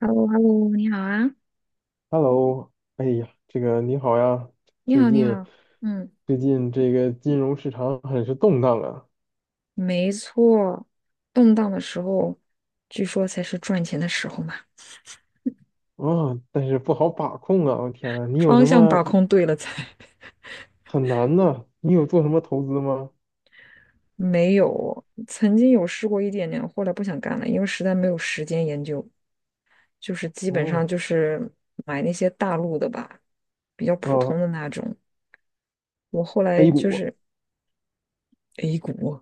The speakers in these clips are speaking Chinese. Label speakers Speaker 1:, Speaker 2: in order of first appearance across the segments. Speaker 1: h e l l o h e l l o 你好啊，
Speaker 2: Hello，哎呀，这个你好呀，
Speaker 1: 你
Speaker 2: 最
Speaker 1: 好，你
Speaker 2: 近
Speaker 1: 好。嗯。
Speaker 2: 最近这个金融市场很是动荡啊，
Speaker 1: 没错。动荡的时候，据说才是赚钱的时候嘛。
Speaker 2: 啊、但是不好把控啊，我天呐，你有
Speaker 1: 方
Speaker 2: 什
Speaker 1: 向把
Speaker 2: 么
Speaker 1: 控对了才。
Speaker 2: 很难的？你有做什么投资吗？
Speaker 1: 没有，曾经有试过一点点，后来不想干了，因为实在没有时间研究，就是基本上
Speaker 2: 哦，
Speaker 1: 就是买那些大陆的吧，比较普通
Speaker 2: 哦
Speaker 1: 的那种。我后来
Speaker 2: ，A
Speaker 1: 就
Speaker 2: 股，
Speaker 1: 是 A 股。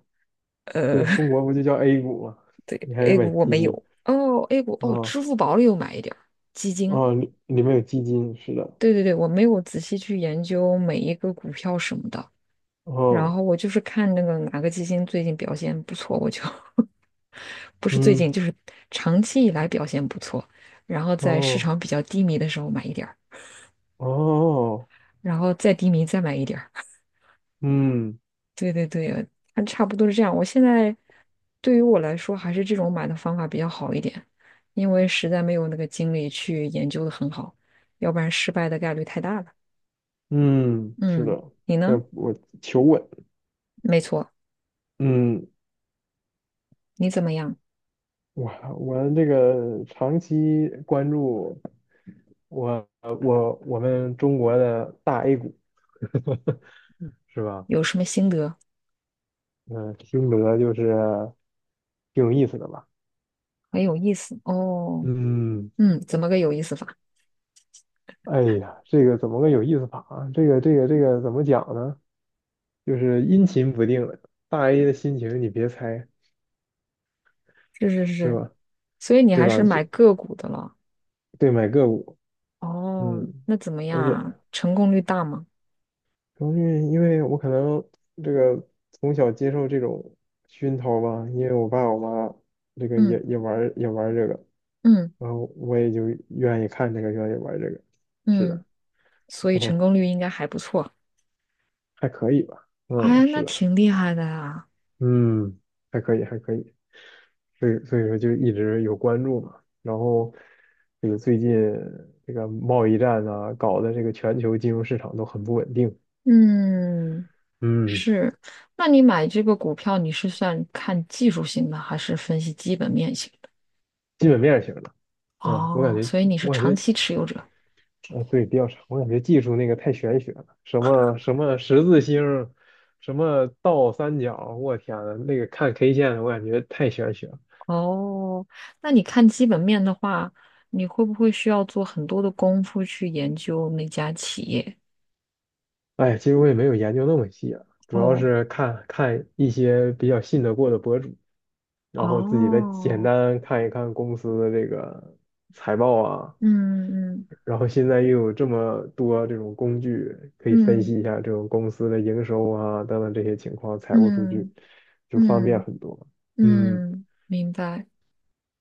Speaker 2: 对，
Speaker 1: 呃，
Speaker 2: 中国不就叫 A 股吗？
Speaker 1: 对
Speaker 2: 你还是
Speaker 1: ，A
Speaker 2: 买
Speaker 1: 股我
Speaker 2: 基
Speaker 1: 没
Speaker 2: 金
Speaker 1: 有，哦，A 股哦，
Speaker 2: 啊
Speaker 1: 支付宝里有买一点儿基金。
Speaker 2: 啊，里面有基金，是的，
Speaker 1: 对，我没有仔细去研究每一个股票什么的，然
Speaker 2: 哦，
Speaker 1: 后我就是看那个哪个基金最近表现不错，我就 不是最
Speaker 2: 嗯，
Speaker 1: 近，就是长期以来表现不错，然后在市
Speaker 2: 哦，
Speaker 1: 场比较低迷的时候买一点儿，
Speaker 2: 哦，
Speaker 1: 然后再低迷再买一点儿。
Speaker 2: 嗯
Speaker 1: 对，它差不多是这样。我现在对于我来说，还是这种买的方法比较好一点，因为实在没有那个精力去研究的很好，要不然失败的概率太大了。
Speaker 2: 嗯，是
Speaker 1: 嗯，
Speaker 2: 的，
Speaker 1: 你
Speaker 2: 在
Speaker 1: 呢？
Speaker 2: 我求稳。
Speaker 1: 没错，
Speaker 2: 嗯
Speaker 1: 你怎么样？
Speaker 2: 我我这个长期关注我们中国的大 A 股是吧？
Speaker 1: 有什么心得？
Speaker 2: 嗯，听得就是挺有意思的吧？
Speaker 1: 很有意思哦。
Speaker 2: 嗯，
Speaker 1: 嗯，怎么个有意思法？
Speaker 2: 哎呀，这个怎么个有意思法啊？这个怎么讲呢？就是阴晴不定的，大 A 的心情你别猜
Speaker 1: 是是
Speaker 2: 是
Speaker 1: 是，
Speaker 2: 吧？
Speaker 1: 所以你
Speaker 2: 对
Speaker 1: 还是
Speaker 2: 吧？就
Speaker 1: 买个股的了。
Speaker 2: 对买个股，
Speaker 1: 哦，
Speaker 2: 嗯，
Speaker 1: 那怎么样
Speaker 2: 而且。
Speaker 1: 啊？成功率大吗？
Speaker 2: 主要是因为我可能这个从小接受这种熏陶吧，因为我爸我妈这个也
Speaker 1: 嗯
Speaker 2: 也玩儿也玩儿这个，
Speaker 1: 嗯
Speaker 2: 然后我也就愿意看这个，愿意玩儿这个。是
Speaker 1: 嗯，
Speaker 2: 的，
Speaker 1: 所以成
Speaker 2: 哦，
Speaker 1: 功率应该还不错。
Speaker 2: 还可以吧，嗯，
Speaker 1: 哎，那
Speaker 2: 是的，
Speaker 1: 挺厉害的呀。
Speaker 2: 嗯，还可以，还可以，所以说就一直有关注嘛。然后这个最近这个贸易战啊搞的这个全球金融市场都很不稳定，
Speaker 1: 嗯，
Speaker 2: 嗯，
Speaker 1: 是。那你买这个股票，你是算看技术型的，还是分析基本面型的？
Speaker 2: 基本面儿型的。啊，我感
Speaker 1: 哦，
Speaker 2: 觉，
Speaker 1: 所以你是
Speaker 2: 我感
Speaker 1: 长
Speaker 2: 觉
Speaker 1: 期持有者。
Speaker 2: 啊，对，比较长，我感觉技术那个太玄学了，什么什么十字星，什么倒三角，我天呐，那个看 K 线的，我感觉太玄学了。
Speaker 1: 哦，那你看基本面的话，你会不会需要做很多的功夫去研究那家企业？
Speaker 2: 哎，其实我也没有研究那么细啊，主要
Speaker 1: 哦，
Speaker 2: 是看看一些比较信得过的博主，然后自己再简
Speaker 1: 哦，
Speaker 2: 单看一看公司的这个财报啊，
Speaker 1: 嗯嗯
Speaker 2: 然后现在又有这么多这种工具可以分
Speaker 1: 嗯
Speaker 2: 析一下这种公司的营收啊等等这些情况，财务数据
Speaker 1: 嗯
Speaker 2: 就方便
Speaker 1: 嗯
Speaker 2: 很多。嗯
Speaker 1: 嗯，明白。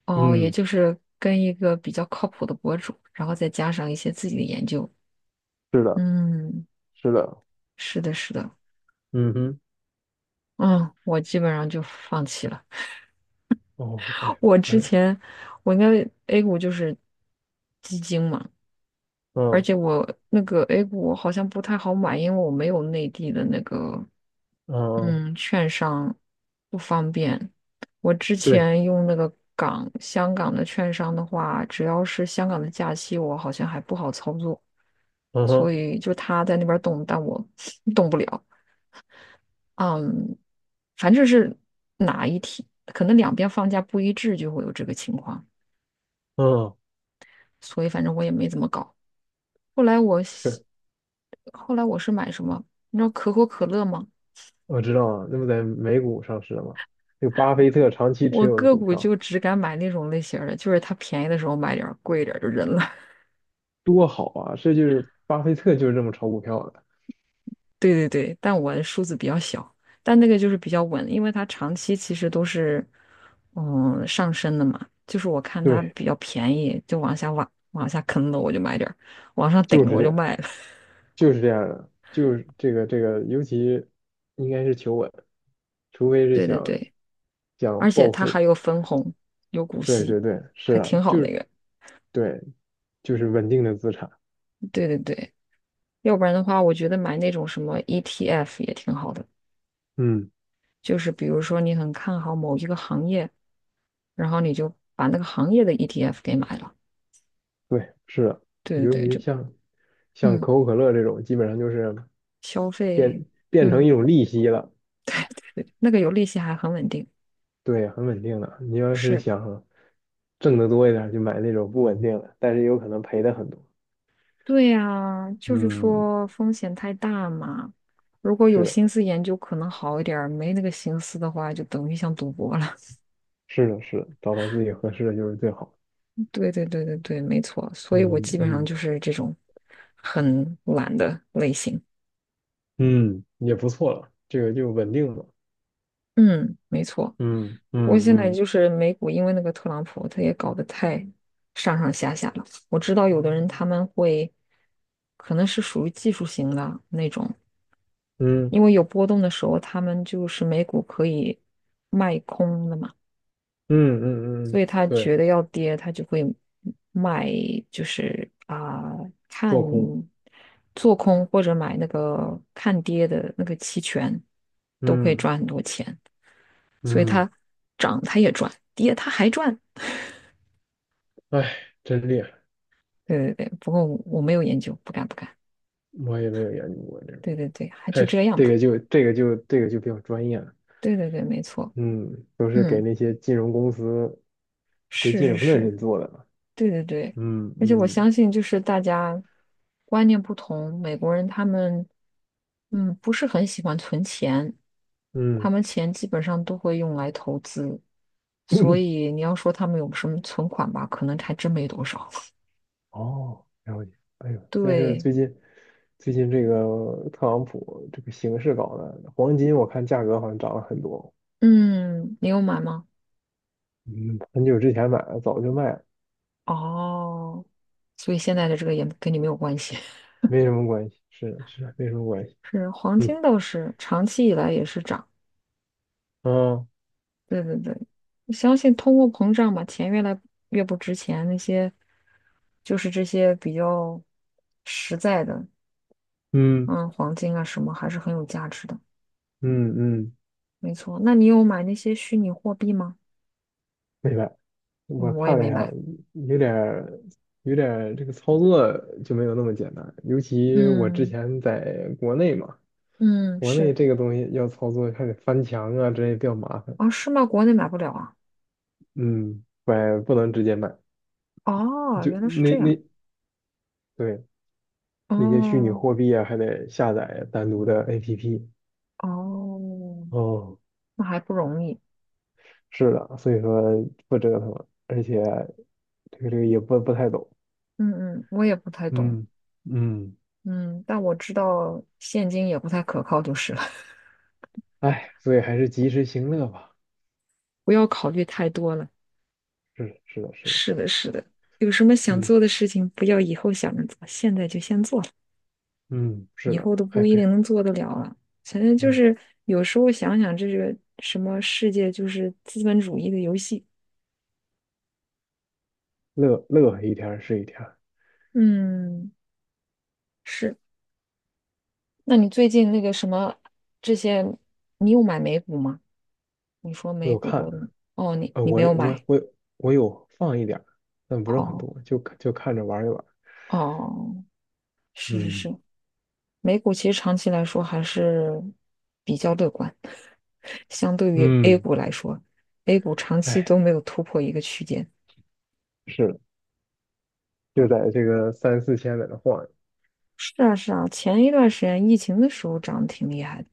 Speaker 1: 哦，也
Speaker 2: 嗯，
Speaker 1: 就是跟一个比较靠谱的博主，然后再加上一些自己的研究。嗯，
Speaker 2: 是的，
Speaker 1: 是的，是的。
Speaker 2: 嗯哼，
Speaker 1: 嗯，我基本上就放弃了。
Speaker 2: 哦，哎
Speaker 1: 我之
Speaker 2: 哎，
Speaker 1: 前我应该 A 股就是基金嘛。而
Speaker 2: 嗯
Speaker 1: 且我那个 A 股我好像不太好买，因为我没有内地的那个
Speaker 2: 嗯，
Speaker 1: 券商，不方便。我之
Speaker 2: 嗯，对，
Speaker 1: 前用那个香港的券商的话，只要是香港的假期，我好像还不好操作，
Speaker 2: 嗯
Speaker 1: 所
Speaker 2: 哼
Speaker 1: 以就他在那边动，但我 动不了。嗯，反正是哪一天，可能两边放假不一致，就会有这个情况，
Speaker 2: 嗯，
Speaker 1: 所以反正我也没怎么搞。后来我
Speaker 2: 确，
Speaker 1: 是后来我是买什么？你知道可口可乐吗？
Speaker 2: 我知道啊，那不在美股上市了吗？这个巴菲特长期持
Speaker 1: 我
Speaker 2: 有的
Speaker 1: 个
Speaker 2: 股
Speaker 1: 股就
Speaker 2: 票。
Speaker 1: 只敢买那种类型儿的，就是它便宜的时候买点儿贵一点儿就扔了。
Speaker 2: 多好啊！这就是巴菲特就是这么炒股票的，
Speaker 1: 对，但我的数字比较小，但那个就是比较稳，因为它长期其实都是上升的嘛。就是我看它
Speaker 2: 对，
Speaker 1: 比较便宜，就往下坑了，我就买点儿往上顶
Speaker 2: 就
Speaker 1: 了
Speaker 2: 是
Speaker 1: 我
Speaker 2: 这
Speaker 1: 就
Speaker 2: 样，
Speaker 1: 卖了。
Speaker 2: 就是这样的，就是这个，尤其应该是求稳，除非 是
Speaker 1: 对对
Speaker 2: 想
Speaker 1: 对，
Speaker 2: 想
Speaker 1: 而且
Speaker 2: 暴
Speaker 1: 它还
Speaker 2: 富，
Speaker 1: 有分红，有股
Speaker 2: 对
Speaker 1: 息，
Speaker 2: 对对，是
Speaker 1: 还挺
Speaker 2: 的，
Speaker 1: 好
Speaker 2: 就
Speaker 1: 那
Speaker 2: 是
Speaker 1: 个。
Speaker 2: 对，就是稳定的资产，
Speaker 1: 对对对。要不然的话，我觉得买那种什么 ETF 也挺好的，
Speaker 2: 嗯，
Speaker 1: 就是比如说你很看好某一个行业，然后你就把那个行业的 ETF 给买了。
Speaker 2: 对，是的，
Speaker 1: 对对
Speaker 2: 尤
Speaker 1: 对，
Speaker 2: 其像可
Speaker 1: 嗯，
Speaker 2: 口可乐这种，基本上就是
Speaker 1: 消费。
Speaker 2: 变成
Speaker 1: 嗯，
Speaker 2: 一种利息了，
Speaker 1: 对，那个有利息还很稳定。
Speaker 2: 对，很稳定的。你要是
Speaker 1: 是，
Speaker 2: 想挣得多一点儿就买那种不稳定的，但是有可能赔的很多。
Speaker 1: 对呀，就是
Speaker 2: 嗯，
Speaker 1: 说风险太大嘛。如果有
Speaker 2: 是的，
Speaker 1: 心思研究，可能好一点儿；没那个心思的话，就等于像赌博了。
Speaker 2: 是的，是的，找到自己合适的就是最好。
Speaker 1: 对，没错。所以我
Speaker 2: 嗯
Speaker 1: 基本上
Speaker 2: 嗯
Speaker 1: 就是这种很懒的类型。
Speaker 2: 嗯，也不错了，这个就稳定了。
Speaker 1: 嗯，没错。
Speaker 2: 嗯
Speaker 1: 不过
Speaker 2: 嗯
Speaker 1: 现在
Speaker 2: 嗯
Speaker 1: 就是美股，因为那个特朗普，他也搞得太上上下下了。我知道有的人他们会，可能是属于技术型的那种，
Speaker 2: 嗯
Speaker 1: 因为有波动的时候，他们就是美股可以卖空的嘛，
Speaker 2: 嗯嗯
Speaker 1: 所
Speaker 2: 嗯，
Speaker 1: 以他觉
Speaker 2: 对，
Speaker 1: 得要跌，他就会卖，就是啊、看
Speaker 2: 做空。
Speaker 1: 做空或者买那个看跌的那个期权，都可以
Speaker 2: 嗯
Speaker 1: 赚很多钱。所以
Speaker 2: 嗯，
Speaker 1: 它涨它也赚，跌它还赚。
Speaker 2: 哎，真厉害，
Speaker 1: 对，不过我没有研究，不敢。
Speaker 2: 我也没有研究过这个，
Speaker 1: 对，还就
Speaker 2: 太是
Speaker 1: 这样
Speaker 2: 这
Speaker 1: 吧。
Speaker 2: 个就这个就这个就比较专业了。
Speaker 1: 对，没错。
Speaker 2: 嗯，都是给
Speaker 1: 嗯，
Speaker 2: 那些金融公司学
Speaker 1: 是
Speaker 2: 金
Speaker 1: 是
Speaker 2: 融的
Speaker 1: 是，
Speaker 2: 人做的了
Speaker 1: 对对对。
Speaker 2: 嗯
Speaker 1: 而且我
Speaker 2: 嗯
Speaker 1: 相信，就是大家观念不同，美国人他们不是很喜欢存钱，他
Speaker 2: 嗯，
Speaker 1: 们钱基本上都会用来投资，所 以你要说他们有什么存款吧，可能还真没多少。
Speaker 2: 哦，了解。哎呦，但是
Speaker 1: 对。
Speaker 2: 最近这个特朗普这个形势搞的，黄金我看价格好像涨了很多。
Speaker 1: 嗯，你有买吗？
Speaker 2: 嗯，很久之前买了，早就卖了，
Speaker 1: 哦，所以现在的这个也跟你没有关系。
Speaker 2: 没什么关系。是的，是的没什么关系。
Speaker 1: 是黄
Speaker 2: 嗯，
Speaker 1: 金倒是长期以来也是涨，
Speaker 2: 嗯
Speaker 1: 对对对，我相信通货膨胀嘛，钱越来越不值钱，那些就是这些比较实在的，
Speaker 2: 嗯
Speaker 1: 嗯，黄金啊什么还是很有价值的，
Speaker 2: 嗯嗯，
Speaker 1: 没错。那你有买那些虚拟货币吗？
Speaker 2: 明白。我
Speaker 1: 嗯，我也
Speaker 2: 看了
Speaker 1: 没
Speaker 2: 一下，
Speaker 1: 买。
Speaker 2: 有点儿有点儿这个操作就没有那么简单，尤其我之
Speaker 1: 嗯
Speaker 2: 前在国内嘛，
Speaker 1: 嗯，
Speaker 2: 国内
Speaker 1: 是
Speaker 2: 这个东西要操作还得翻墙啊之类比较麻烦。
Speaker 1: 啊，是吗？国内买不了啊。
Speaker 2: 嗯，买不能直接买。
Speaker 1: 哦，
Speaker 2: 就
Speaker 1: 原来是
Speaker 2: 那
Speaker 1: 这样。
Speaker 2: 那对那些虚拟
Speaker 1: 哦
Speaker 2: 货币啊，还得下载单独的 APP。
Speaker 1: 哦，
Speaker 2: 哦，
Speaker 1: 那还不容易。
Speaker 2: 是的，所以说不折腾了，而且这个也不太懂。
Speaker 1: 嗯嗯，我也不太懂。
Speaker 2: 嗯，嗯
Speaker 1: 嗯，但我知道现金也不太可靠，就是了，
Speaker 2: 哎，所以还是及时行乐吧。
Speaker 1: 不要考虑太多了。
Speaker 2: 是的，是的，是的，
Speaker 1: 是的，是的，有什么想
Speaker 2: 嗯，
Speaker 1: 做的事情，不要以后想着做，现在就先做了，
Speaker 2: 嗯是
Speaker 1: 以
Speaker 2: 的，
Speaker 1: 后都
Speaker 2: 还
Speaker 1: 不一
Speaker 2: 可以，
Speaker 1: 定能做得了了。反正就
Speaker 2: 嗯，
Speaker 1: 是有时候想想，这个什么世界就是资本主义的游戏。
Speaker 2: 乐乐一天儿是一天儿
Speaker 1: 嗯，是。那你最近那个什么这些，你有买美股吗？你说
Speaker 2: 我
Speaker 1: 美
Speaker 2: 有
Speaker 1: 股
Speaker 2: 看，
Speaker 1: 过的，哦，你
Speaker 2: 呃，
Speaker 1: 你没
Speaker 2: 我
Speaker 1: 有
Speaker 2: 我
Speaker 1: 买，
Speaker 2: 我我有放一点儿但不是很
Speaker 1: 哦
Speaker 2: 多，就看着玩一玩。
Speaker 1: 哦。是是
Speaker 2: 嗯
Speaker 1: 是，美股其实长期来说还是比较乐观，相对于 A
Speaker 2: 嗯，
Speaker 1: 股来说，A 股长期
Speaker 2: 哎，
Speaker 1: 都没有突破一个区间。
Speaker 2: 是的。就在这个三四千在那晃悠。
Speaker 1: 是啊是啊，前一段时间疫情的时候涨得挺厉害的，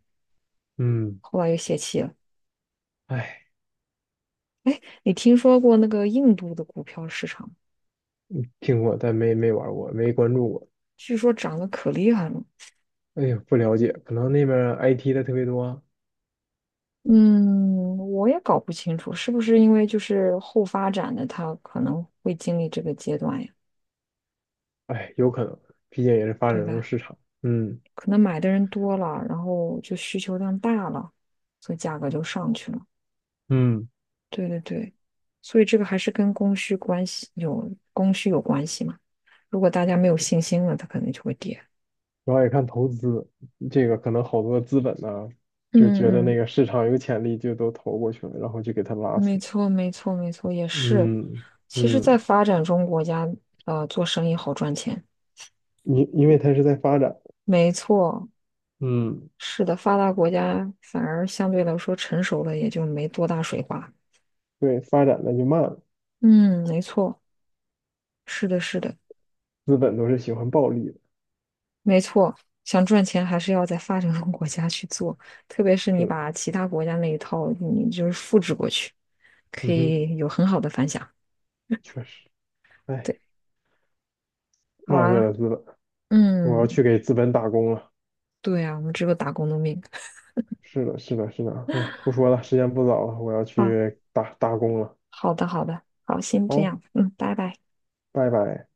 Speaker 2: 嗯，
Speaker 1: 后来又泄气了。
Speaker 2: 哎，
Speaker 1: 你听说过那个印度的股票市场，
Speaker 2: 听过，但没玩过，没关注过。
Speaker 1: 据说涨得可厉害了。
Speaker 2: 哎呀，不了解，可能那边 IT 的特别多。
Speaker 1: 嗯，我也搞不清楚，是不是因为就是后发展的，它可能会经历这个阶段呀，
Speaker 2: 哎，有可能，毕竟也是发展
Speaker 1: 对
Speaker 2: 中
Speaker 1: 吧？
Speaker 2: 市场。嗯，
Speaker 1: 可能买的人多了，然后就需求量大了，所以价格就上去了。
Speaker 2: 嗯，
Speaker 1: 对对对，所以这个还是跟供需有关系嘛。如果大家没有信心了，它可能就会跌。
Speaker 2: 主要也看投资，这个可能好多资本呢，就觉得
Speaker 1: 嗯
Speaker 2: 那
Speaker 1: 嗯，
Speaker 2: 个市场有潜力，就都投过去了，然后就给它拉
Speaker 1: 没
Speaker 2: 起来。
Speaker 1: 错没错没错，也是。
Speaker 2: 嗯，
Speaker 1: 其实，
Speaker 2: 嗯，
Speaker 1: 在发展中国家，做生意好赚钱。
Speaker 2: 因为它是在发展，
Speaker 1: 没错，
Speaker 2: 嗯，
Speaker 1: 是的，发达国家反而相对来说成熟了，也就没多大水花。
Speaker 2: 对，发展的就慢了，
Speaker 1: 嗯，没错，是的，是的。
Speaker 2: 资本都是喜欢暴利的。
Speaker 1: 没错，想赚钱还是要在发展中国家去做，特别是你
Speaker 2: 是的，
Speaker 1: 把其他国家那一套，你就是复制过去，可
Speaker 2: 嗯哼。
Speaker 1: 以有很好的反响。
Speaker 2: 确实。哎。
Speaker 1: 对，好
Speaker 2: 万恶
Speaker 1: 啊，
Speaker 2: 的资本，我要
Speaker 1: 嗯，
Speaker 2: 去给资本打工了。
Speaker 1: 对啊，我们只有打工的命。
Speaker 2: 是的，是的，是的。哎，不说了，时间不早了，我要
Speaker 1: 好，
Speaker 2: 去打工了。
Speaker 1: 好的，好的，好，先这
Speaker 2: 好，
Speaker 1: 样，嗯，拜拜。
Speaker 2: 拜拜。